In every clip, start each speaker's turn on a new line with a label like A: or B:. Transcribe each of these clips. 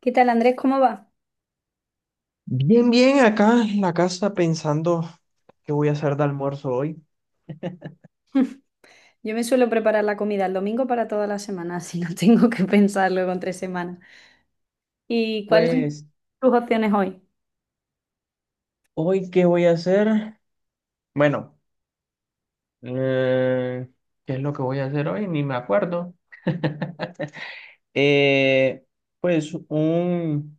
A: ¿Qué tal, Andrés? ¿Cómo va?
B: Bien, bien, acá en la casa pensando qué voy a hacer de almuerzo hoy.
A: Yo me suelo preparar la comida el domingo para toda la semana, así no tengo que pensarlo con 3 semanas. ¿Y cuáles son
B: Pues,
A: tus opciones hoy?
B: ¿hoy qué voy a hacer? Bueno, eh, ¿qué es lo que voy a hacer hoy? Ni me acuerdo. Eh, pues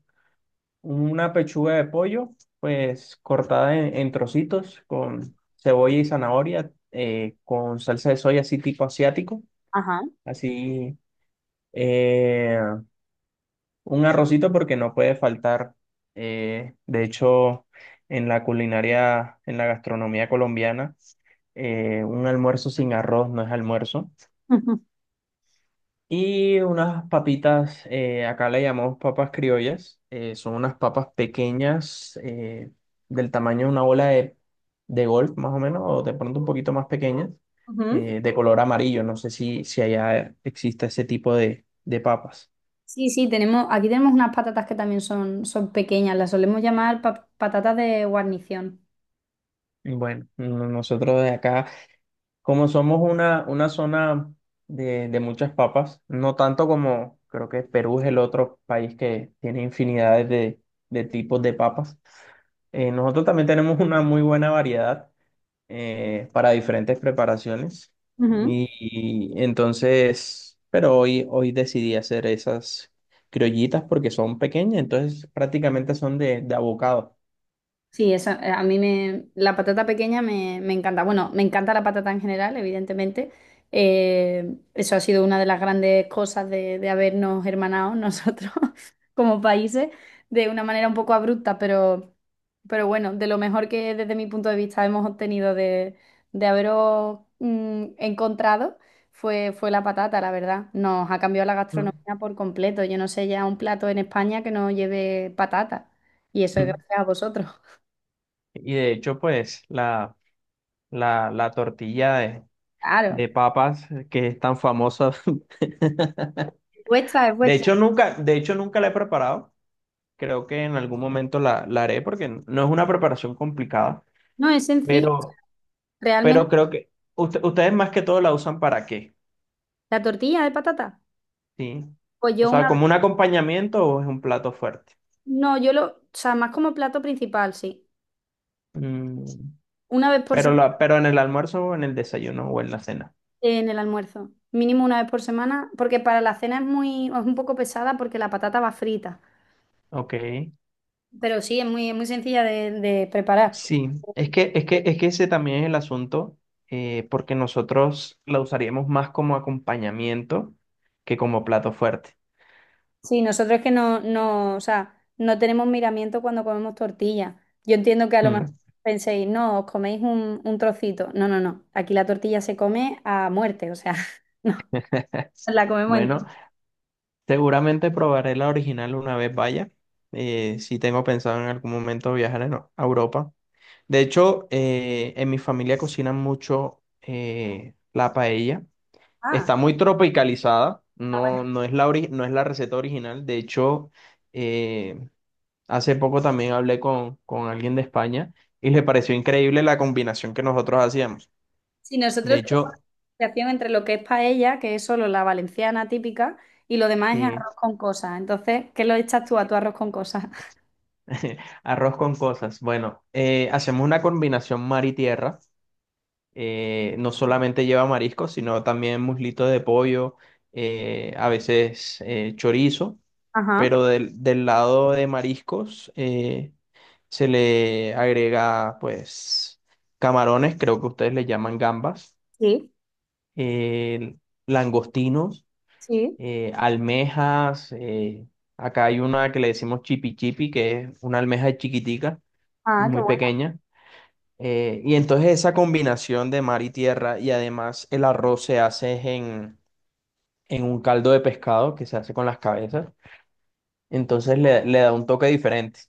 B: una pechuga de pollo, pues cortada en trocitos con cebolla y zanahoria, con salsa de soya así tipo asiático,
A: Ajá.
B: así. eh, Un arrocito porque no puede faltar. De hecho, en la culinaria, en la gastronomía colombiana, un almuerzo sin arroz no es almuerzo. Y unas papitas, acá le llamamos papas criollas. Son unas papas pequeñas, del tamaño de una bola de golf, más o menos, o de pronto un poquito más pequeñas,
A: Ujú.
B: de color amarillo. No sé si allá existe ese tipo de papas.
A: Sí, sí, aquí tenemos unas patatas que también son, pequeñas, las solemos llamar patatas de guarnición.
B: Bueno, nosotros de acá. Como somos una zona de muchas papas, no tanto como creo que Perú es el otro país que tiene infinidades de tipos de papas, nosotros también tenemos una muy buena variedad para diferentes preparaciones. Y, y entonces, pero hoy decidí hacer esas criollitas porque son pequeñas, entonces prácticamente son de abocado.
A: Sí, esa, la patata pequeña me encanta. Bueno, me encanta la patata en general, evidentemente. Eso ha sido una de las grandes cosas de, habernos hermanado nosotros como países de una manera un poco abrupta, pero bueno, de lo mejor que desde mi punto de vista hemos obtenido de, haberos encontrado fue la patata, la verdad. Nos ha cambiado la
B: Mm.
A: gastronomía por completo. Yo no sé ya un plato en España que no lleve patata. Y eso es
B: Mm.
A: gracias a vosotros.
B: Y de hecho, pues la tortilla
A: Claro.
B: de papas que es tan famosa.
A: Es vuestra, es vuestra.
B: De hecho, nunca la he preparado. Creo que en algún momento la haré porque no es una preparación complicada,
A: No, es sencillo.
B: pero, pero
A: Realmente,
B: creo que ustedes más que todo la usan para qué,
A: la tortilla de patata.
B: ¿sí?
A: Pues
B: O
A: yo
B: sea,
A: una vez,
B: ¿como un acompañamiento o es un plato fuerte?
A: no, yo lo, o sea, más como plato principal, sí.
B: Mm,
A: Una vez por semana
B: ¿Pero en el almuerzo o en el desayuno o en la cena?
A: en el almuerzo. Mínimo una vez por semana, porque para la cena es muy, es un poco pesada porque la patata va frita.
B: Ok.
A: Pero sí, es muy, sencilla de preparar.
B: Sí, es que ese también es el asunto, porque nosotros la usaríamos más como acompañamiento que como plato fuerte.
A: Sí, nosotros es que no, no, o sea, no tenemos miramiento cuando comemos tortilla. Yo entiendo que a lo mejor
B: Mm.
A: penséis, no, os coméis un trocito. No, no, no. Aquí la tortilla se come a muerte, o sea, no, nos la comemos entera.
B: Bueno, seguramente probaré la original una vez vaya. Si tengo pensado en algún momento viajar a Europa. De hecho, en mi familia cocinan mucho la paella.
A: Ah,
B: Está muy tropicalizada.
A: ah,
B: No,
A: bueno.
B: no es la ori- no es la receta original. De hecho, eh, hace poco también hablé con alguien de España y le pareció increíble la combinación que nosotros hacíamos.
A: Sí,
B: De
A: nosotros tenemos
B: hecho,
A: diferenciación entre lo que es paella, que es solo la valenciana típica, y lo demás es
B: sí,
A: arroz con cosas. Entonces, ¿qué lo echas tú a tu arroz con cosas?
B: arroz con cosas. Bueno, hacemos una combinación mar y tierra. No solamente lleva mariscos, sino también muslitos de pollo, a veces chorizo,
A: Ajá,
B: pero del lado de mariscos se le agrega pues camarones, creo que ustedes le llaman gambas,
A: sí,
B: eh, langostinos,
A: sí.
B: almejas. Acá hay una que le decimos chipi chipi, que es una almeja chiquitica,
A: Ah, qué
B: muy
A: bueno.
B: pequeña. Y entonces esa combinación de mar y tierra y además el arroz se hace es en un caldo de pescado que se hace con las cabezas. Entonces le da un toque diferente.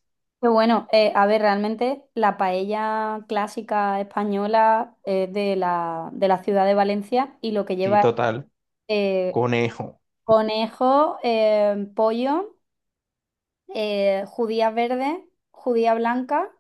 A: Qué bueno, a ver, realmente la paella clásica española es de la, ciudad de Valencia y lo que
B: Sí,
A: lleva es
B: total.
A: eh,
B: Conejo.
A: conejo, pollo, judía verde, judía blanca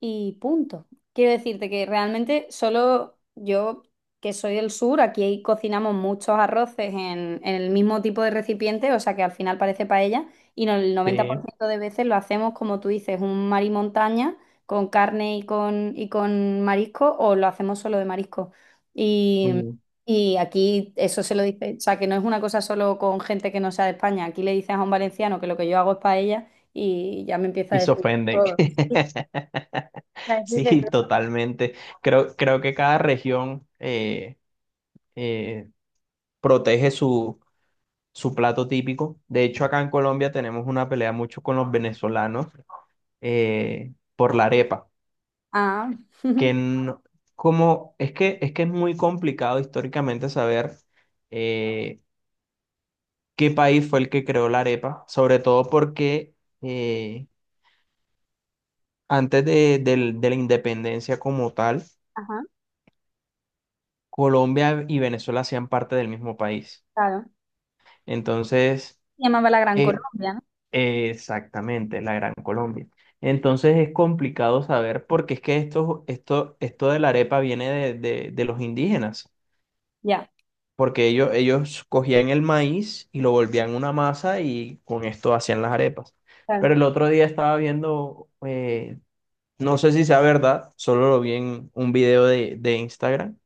A: y punto. Quiero decirte que realmente solo yo, que soy del sur, aquí cocinamos muchos arroces en, el mismo tipo de recipiente, o sea que al final parece paella, y no, el noventa por
B: Sí.
A: ciento de veces lo hacemos, como tú dices, un mar y montaña con carne y con marisco, o lo hacemos solo de marisco. Y,
B: mm,
A: y aquí eso se lo dice, o sea que no es una cosa solo con gente que no sea de España, aquí le dices a un valenciano que lo que yo hago es paella y ya me empieza a
B: Y se
A: decir
B: ofenden.
A: todo.
B: Sí, totalmente. Creo que cada región eh, protege su plato típico. De hecho, acá en Colombia tenemos una pelea mucho con los venezolanos por la arepa,
A: Ah.
B: que no- como es que es muy complicado históricamente saber eh, qué país fue el que creó la arepa, sobre todo porque eh, antes de la independencia como tal,
A: Ajá.
B: Colombia y Venezuela hacían parte del mismo país.
A: Claro.
B: Entonces,
A: Se llamaba la Gran
B: eh,
A: Colombia, ¿no?
B: exactamente, la Gran Colombia. Entonces es complicado saber porque es que esto de la arepa viene de los indígenas,
A: Ya,
B: porque ellos cogían el maíz y lo volvían una masa y con esto hacían las arepas.
A: claro.
B: Pero el otro día estaba viendo, no sé si sea verdad, solo lo vi en un video de Instagram,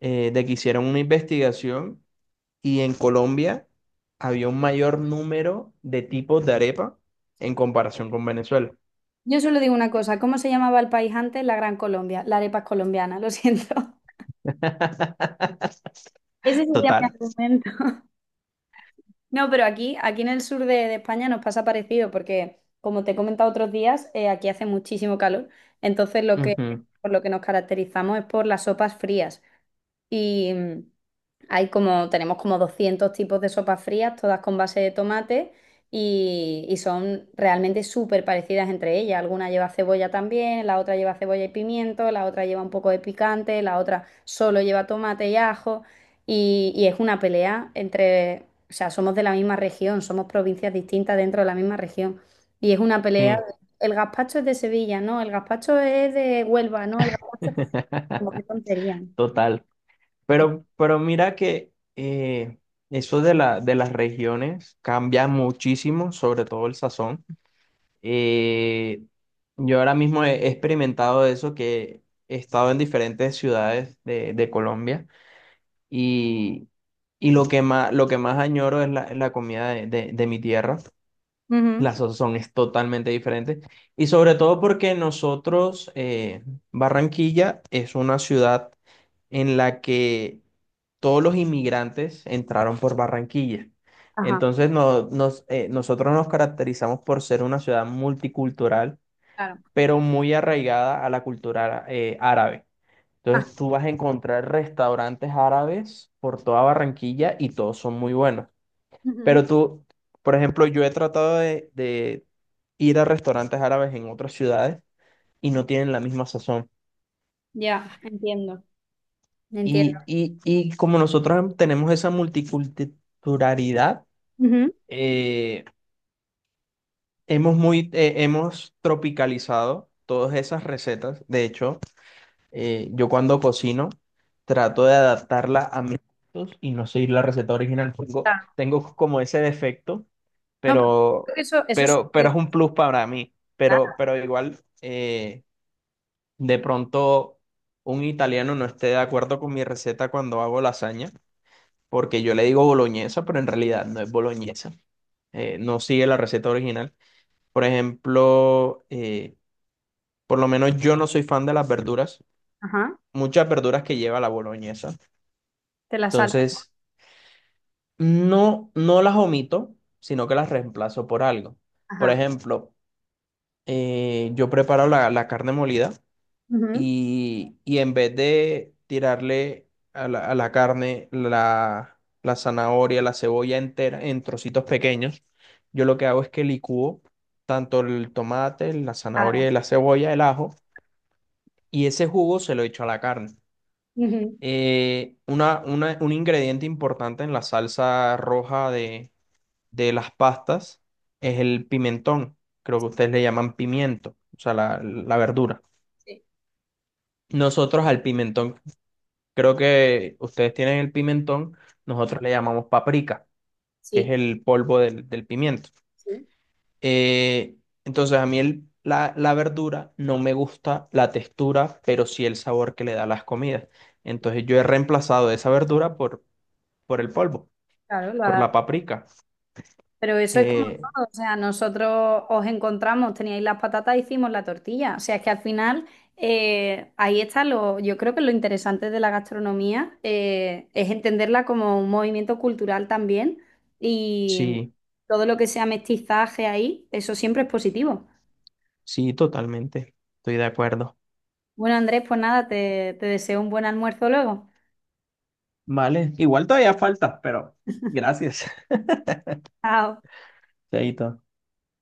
B: de que hicieron una investigación y en Colombia había un mayor número de tipos de arepa en comparación con Venezuela.
A: Yo solo digo una cosa, ¿cómo se llamaba el país antes? La Gran Colombia, la arepa es colombiana, lo siento. Ese sería mi
B: Total.
A: argumento. No, pero aquí, en el sur de España nos pasa parecido porque, como te he comentado otros días, aquí hace muchísimo calor. Entonces,
B: Ujú.
A: por lo que nos caracterizamos es por las sopas frías. Y tenemos como 200 tipos de sopas frías, todas con base de tomate y, son realmente súper parecidas entre ellas. Alguna lleva cebolla también, la otra lleva cebolla y pimiento, la otra lleva un poco de picante, la otra solo lleva tomate y ajo y es una pelea entre, o sea, somos de la misma región, somos provincias distintas dentro de la misma región y es una pelea.
B: Sí.
A: El gazpacho es de Sevilla, ¿no? El gazpacho es de Huelva, ¿no? El gazpacho, como qué tontería.
B: Total. Pero mira que eso de las regiones cambia muchísimo, sobre todo el sazón. Eh, yo ahora mismo he experimentado eso, que he estado en diferentes ciudades de Colombia y, y lo que más añoro es es la comida de mi tierra.
A: Ujú.
B: Las la son es totalmente diferente. Y sobre todo porque Barranquilla es una ciudad en la que todos los inmigrantes entraron por Barranquilla.
A: Ajá.
B: Entonces nosotros nos caracterizamos por ser una ciudad multicultural,
A: Claro.
B: pero muy arraigada a la cultura árabe.
A: Ah.
B: Entonces tú vas a encontrar restaurantes árabes por toda Barranquilla y todos son muy buenos.
A: Ujú.
B: Pero tú, por ejemplo, yo he tratado de ir a restaurantes árabes en otras ciudades y no tienen la misma sazón.
A: Ya, entiendo. Entiendo.
B: Y como nosotros tenemos esa multiculturalidad,
A: Ujú.
B: eh, hemos tropicalizado todas esas recetas. De hecho, yo cuando cocino trato de adaptarla a mis gustos y no seguir la receta original. Tengo,
A: Claro.
B: tengo como ese defecto,
A: No, pero creo
B: pero,
A: que eso es
B: pero es
A: súper
B: un plus para mí.
A: claro.
B: Pero igual, de pronto un italiano no esté de acuerdo con mi receta cuando hago lasaña, porque yo le digo boloñesa, pero en realidad no es boloñesa. No sigue la receta original. Por ejemplo, por lo menos yo no soy fan de las verduras
A: Ajá,
B: muchas verduras que lleva la boloñesa.
A: te la salta.
B: Entonces, no, no las omito, sino que las reemplazo por algo. Por
A: Ajá.
B: ejemplo, yo preparo la carne molida
A: Ujú.
B: y en vez de tirarle a la carne la zanahoria, la cebolla entera en trocitos pequeños, yo lo que hago es que licúo tanto el tomate, la zanahoria y
A: Claro.
B: la cebolla, el ajo, y ese jugo se lo echo a la carne.
A: Ujú.
B: Una, un ingrediente importante en la salsa roja de las pastas es el pimentón. Creo que ustedes le llaman pimiento, o sea, la verdura.
A: Sí.
B: Nosotros al pimentón, creo que ustedes tienen el pimentón, nosotros le llamamos paprika, que es
A: Sí,
B: el polvo del pimiento.
A: sí.
B: Eh, entonces a mí la verdura no me gusta la textura, pero sí el sabor que le da a las comidas. Entonces yo he reemplazado esa verdura por el polvo,
A: Claro, lo
B: por la
A: adaptas.
B: paprika.
A: Pero eso es como
B: Eh,
A: todo, o sea, nosotros os encontramos, teníais las patatas, hicimos la tortilla. O sea, es que al final yo creo que lo interesante de la gastronomía es entenderla como un movimiento cultural también y
B: sí,
A: todo lo que sea mestizaje ahí, eso siempre es positivo.
B: sí, totalmente, estoy de acuerdo.
A: Bueno, Andrés, pues nada, te deseo un buen almuerzo luego.
B: Vale, igual todavía falta, pero gracias.
A: Chao.
B: Chaito.